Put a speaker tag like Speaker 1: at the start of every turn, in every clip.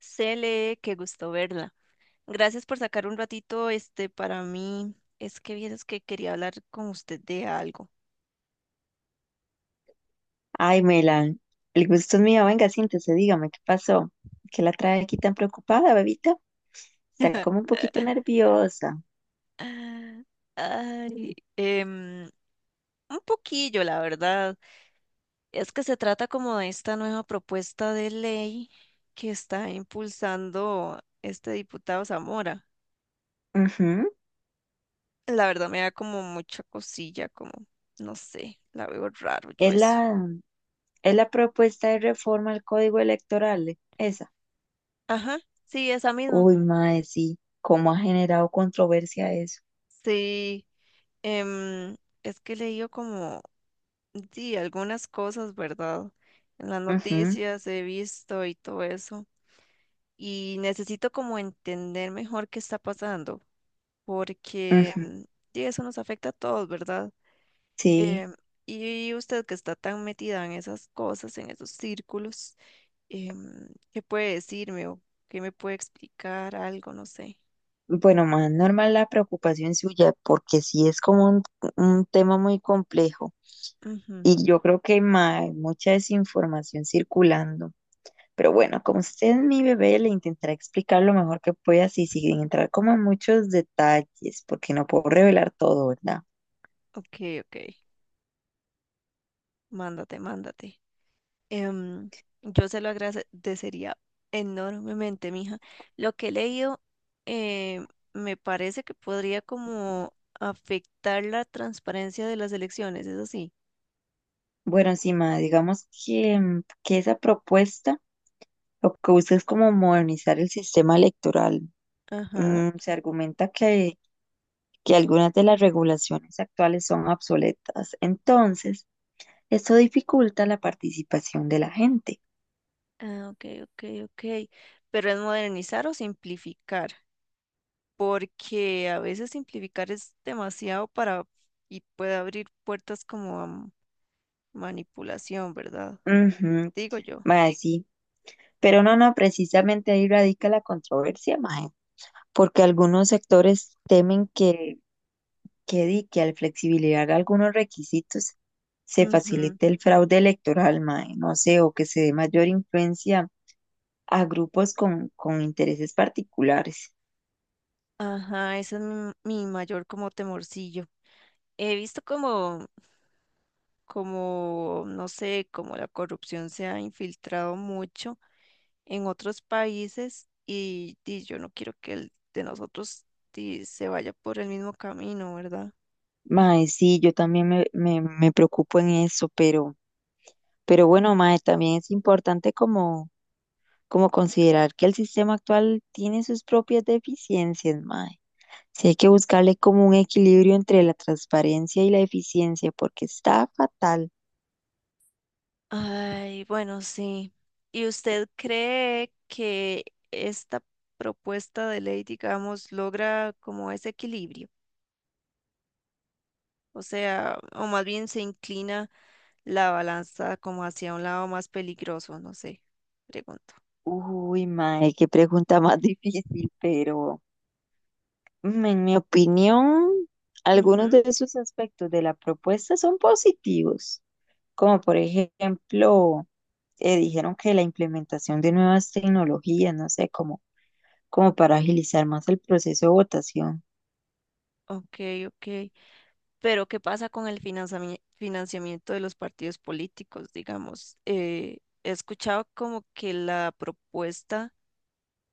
Speaker 1: Cele, qué gusto verla. Gracias por sacar un ratito este para mí. Es que vieras que quería hablar con usted de algo.
Speaker 2: Ay, Melan, el gusto es mío. Venga, siéntese, dígame, ¿qué pasó? ¿Qué la trae aquí tan preocupada, bebita? Está como un poquito nerviosa.
Speaker 1: Ay, un poquillo, la verdad. Es que se trata como de esta nueva propuesta de ley que está impulsando este diputado Zamora.
Speaker 2: Ujú.
Speaker 1: La verdad me da como mucha cosilla, como, no sé, la veo raro yo
Speaker 2: Es
Speaker 1: eso.
Speaker 2: la, es la propuesta de reforma al código electoral, esa.
Speaker 1: Ajá, sí, esa misma.
Speaker 2: Uy, mae, sí, cómo ha generado controversia eso.
Speaker 1: Sí. Em, es que he leído como, sí, algunas cosas, ¿verdad? En las
Speaker 2: Ujú,
Speaker 1: noticias he visto y todo eso. Y necesito como entender mejor qué está pasando, porque
Speaker 2: ujú.
Speaker 1: sí, eso nos afecta a todos, ¿verdad?
Speaker 2: Sí.
Speaker 1: Em, y usted que está tan metida en esas cosas, en esos círculos, ¿qué puede decirme o qué me puede explicar algo? No sé.
Speaker 2: Bueno, más normal la preocupación suya, porque sí es como un tema muy complejo.
Speaker 1: Ujú.
Speaker 2: Y yo creo que mae, hay mucha desinformación circulando. Pero bueno, como usted es mi bebé, le intentaré explicar lo mejor que pueda, así sin entrar como en muchos detalles, porque no puedo revelar todo, ¿verdad?
Speaker 1: Ok, ok. Mándate. em, yo se lo agradecería enormemente, mija. Lo que he leído eh, me parece que podría como afectar la transparencia de las elecciones, ¿es así?
Speaker 2: Bueno, encima, digamos que, que esa propuesta lo que busca es como modernizar el sistema electoral.
Speaker 1: Ajá.
Speaker 2: Mm, se argumenta que algunas de las regulaciones actuales son obsoletas, entonces esto dificulta la participación de la gente.
Speaker 1: Ah, ok, ok, ok. Pero ¿es modernizar o simplificar? Porque a veces simplificar es demasiado para y puede abrir puertas como a manipulación, ¿verdad?
Speaker 2: Ujú,
Speaker 1: Digo yo.
Speaker 2: mae, sí, pero no, no, precisamente ahí radica la controversia, mae. Porque algunos sectores temen que al flexibilizar algunos requisitos se
Speaker 1: Ujú.
Speaker 2: facilite el fraude electoral, mae, no sé, o que se dé mayor influencia a grupos con intereses particulares.
Speaker 1: Ajá, ese es mi mayor como temorcillo. He visto como, como, no sé, como la corrupción se ha infiltrado mucho en otros países y, di, yo no quiero que el de nosotros, di, se vaya por el mismo camino, ¿verdad?
Speaker 2: Mae, sí, yo también me preocupo en eso, pero bueno, mae, también es importante como considerar que el sistema actual tiene sus propias deficiencias, mae. Sí hay que buscarle como un equilibrio entre la transparencia y la eficiencia, porque está fatal.
Speaker 1: Ay, bueno, sí. ¿Y usted cree que esta propuesta de ley, digamos, logra como ese equilibrio? O sea, ¿o más bien se inclina la balanza como hacia un lado más peligroso? No sé, pregunto.
Speaker 2: Uy, mae, qué pregunta más difícil, pero mm, en mi opinión, algunos de esos aspectos de la propuesta son positivos, como por ejemplo, dijeron que la implementación de nuevas tecnologías, no sé, como para agilizar más el proceso de votación.
Speaker 1: Ok, ok. Pero ¿qué pasa con el financiamiento de los partidos políticos, digamos? He escuchado como que la propuesta,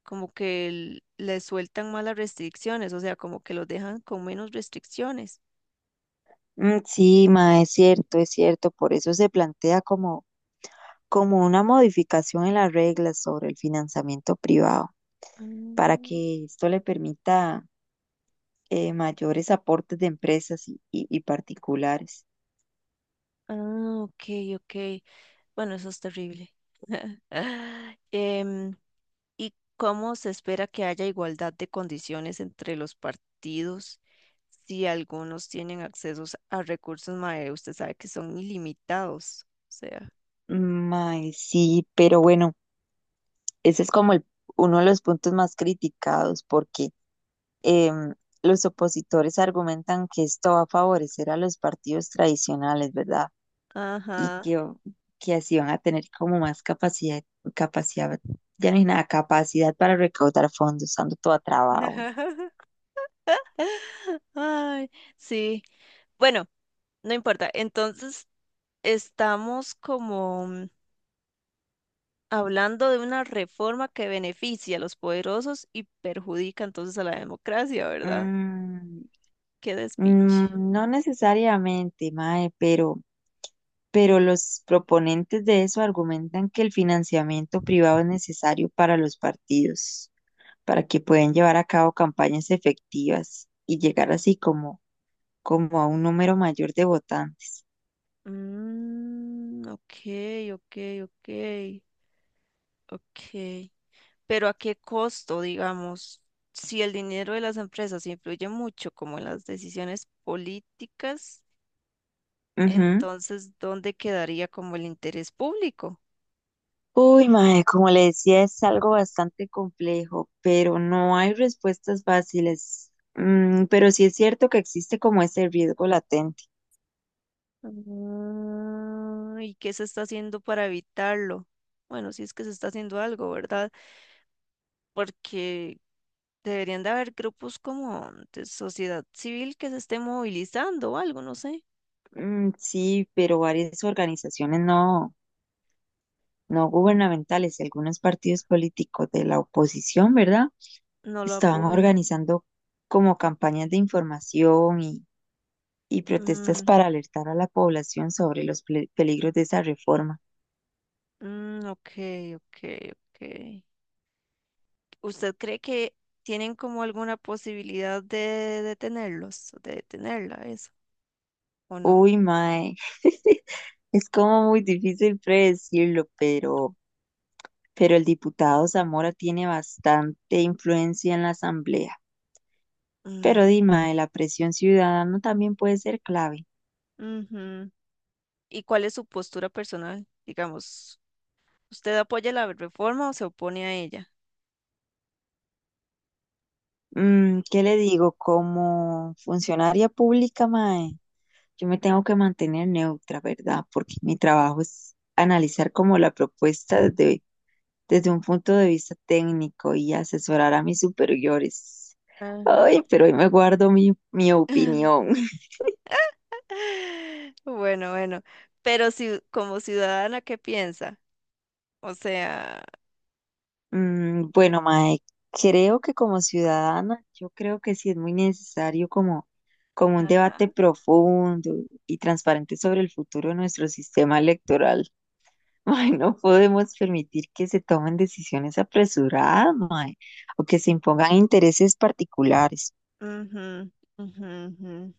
Speaker 1: como que le sueltan más las restricciones, o sea, como que los dejan con menos restricciones.
Speaker 2: Mm, sí, mae, es cierto, por eso se plantea como una modificación en las reglas sobre el financiamiento privado para
Speaker 1: Ah,
Speaker 2: que esto le permita mayores aportes de empresas y particulares.
Speaker 1: ah, ok, ok. Bueno, eso es terrible. Em, ¿Y cómo se espera que haya igualdad de condiciones entre los partidos si algunos tienen accesos a recursos, mae? Usted sabe que son ilimitados, o sea,
Speaker 2: Mae, sí, pero bueno, ese es como el- uno de los puntos más criticados porque em, los opositores argumentan que esto va a favorecer a los partidos tradicionales, ¿verdad? Y
Speaker 1: ajá.
Speaker 2: que, o- que así van a tener como más capacidad, ya no hay nada, capacidad para recaudar fondos, ando toda trabajo.
Speaker 1: Ay, sí. Bueno, no importa. Entonces, estamos como hablando de una reforma que beneficia a los poderosos y perjudica entonces a la democracia, ¿verdad?
Speaker 2: Mm,
Speaker 1: Qué despiche.
Speaker 2: no necesariamente, Mae, pero los proponentes de eso argumentan que el financiamiento privado es necesario para los partidos, para que puedan llevar a cabo campañas efectivas y llegar así como a un número mayor de votantes.
Speaker 1: Mm, ok, ok, ok, ok. Pero ¿a qué costo, digamos? Si el dinero de las empresas influye mucho como en las decisiones políticas,
Speaker 2: Ujú.
Speaker 1: entonces ¿dónde quedaría como el interés público?
Speaker 2: Uy, mae, como le decía, es algo bastante complejo, pero no hay respuestas fáciles. Mm, pero sí es cierto que existe como ese riesgo latente.
Speaker 1: Ah, ¿y qué se está haciendo para evitarlo? Bueno, si es que se está haciendo algo, ¿verdad? Porque deberían de haber grupos como de sociedad civil que se esté movilizando o algo, no sé.
Speaker 2: Mm, sí, pero varias organizaciones no gubernamentales y algunos partidos políticos de la oposición, ¿verdad?
Speaker 1: No lo
Speaker 2: Estaban
Speaker 1: apoyan.
Speaker 2: organizando como campañas de información y protestas
Speaker 1: Mm,
Speaker 2: para alertar a la población sobre los ple- peligros de esa reforma.
Speaker 1: mm, ok, ok, ok. ¿Usted cree que tienen como alguna posibilidad de detenerlos, de detenerla, eso, o no?
Speaker 2: Uy, mae, es como muy difícil predecirlo, pero el diputado Zamora tiene bastante influencia en la asamblea.
Speaker 1: Mm,
Speaker 2: Pero dime, la presión ciudadana también puede ser clave.
Speaker 1: ujú. ¿Y cuál es su postura personal? Digamos, ¿usted apoya la reforma o se opone a ella?
Speaker 2: Mm, ¿qué le digo? Como funcionaria pública, mae, yo me tengo que mantener neutra, ¿verdad? Porque mi trabajo es analizar como la propuesta desde un punto de vista técnico y asesorar a mis superiores.
Speaker 1: Ajá.
Speaker 2: Ay, pero hoy me guardo mi opinión.
Speaker 1: Bueno, bueno, pero si como ciudadana, ¿qué piensa? O sea,
Speaker 2: Mm, bueno, mae, creo que como ciudadana, yo creo que sí es muy necesario como un debate
Speaker 1: ajá.
Speaker 2: profundo y transparente sobre el futuro de nuestro sistema electoral. Ay, no podemos permitir que se tomen decisiones apresuradas, mae, o que se impongan intereses particulares.
Speaker 1: Ujú, ujú, ujú.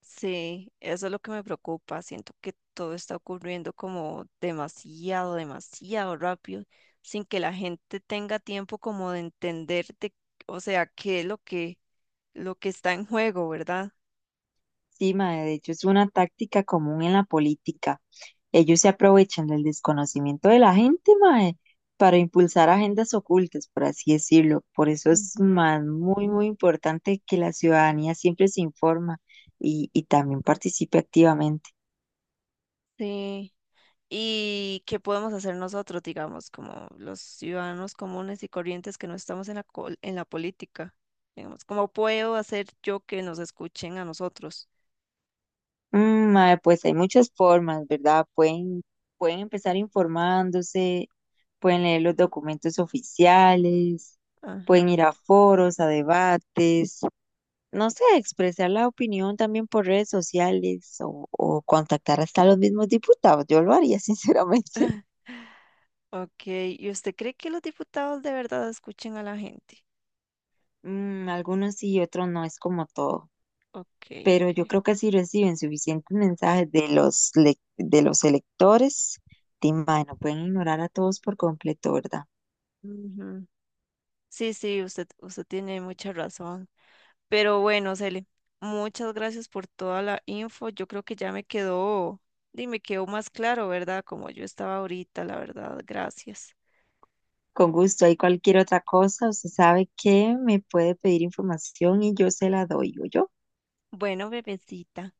Speaker 1: Sí, eso es lo que me preocupa. Siento que todo está ocurriendo como demasiado, demasiado rápido, sin que la gente tenga tiempo como de o sea, qué es lo que está en juego, ¿verdad?
Speaker 2: Sí, mae, de hecho es una táctica común en la política. Ellos se aprovechan del desconocimiento de la gente, mae, para impulsar agendas ocultas, por así decirlo. Por eso es
Speaker 1: Ujú.
Speaker 2: más muy, muy importante que la ciudadanía siempre se informa y también participe activamente.
Speaker 1: Sí. ¿Y qué podemos hacer nosotros, digamos, como los ciudadanos comunes y corrientes que no estamos en la, en la política? Digamos, ¿cómo puedo hacer yo que nos escuchen a nosotros?
Speaker 2: Mm, mae, pues hay muchas formas, ¿verdad? Pueden empezar informándose, pueden leer los documentos oficiales, pueden
Speaker 1: Ajá.
Speaker 2: ir a foros, a debates, no sé, expresar la opinión también por redes sociales o contactar hasta a los mismos diputados. Yo lo haría, sinceramente.
Speaker 1: Ok, ¿y usted cree que los diputados de verdad escuchen a la gente?
Speaker 2: Mm, algunos sí y otros no, es como todo.
Speaker 1: Ok,
Speaker 2: Pero yo
Speaker 1: ok.
Speaker 2: creo que si reciben suficientes mensajes de los, lec- de los electores, di, mae, no pueden ignorar a todos por completo, ¿verdad?
Speaker 1: Ujú. Sí, sí, usted tiene mucha razón. Pero bueno, Cele, muchas gracias por toda la info. Yo creo que ya me quedó, y me quedó más claro, ¿verdad? Como yo estaba ahorita, la verdad. Gracias.
Speaker 2: Con gusto, hay cualquier otra cosa, usted sabe que me puede pedir información y yo se la doy, ¿oyó?
Speaker 1: Bueno, bebecita.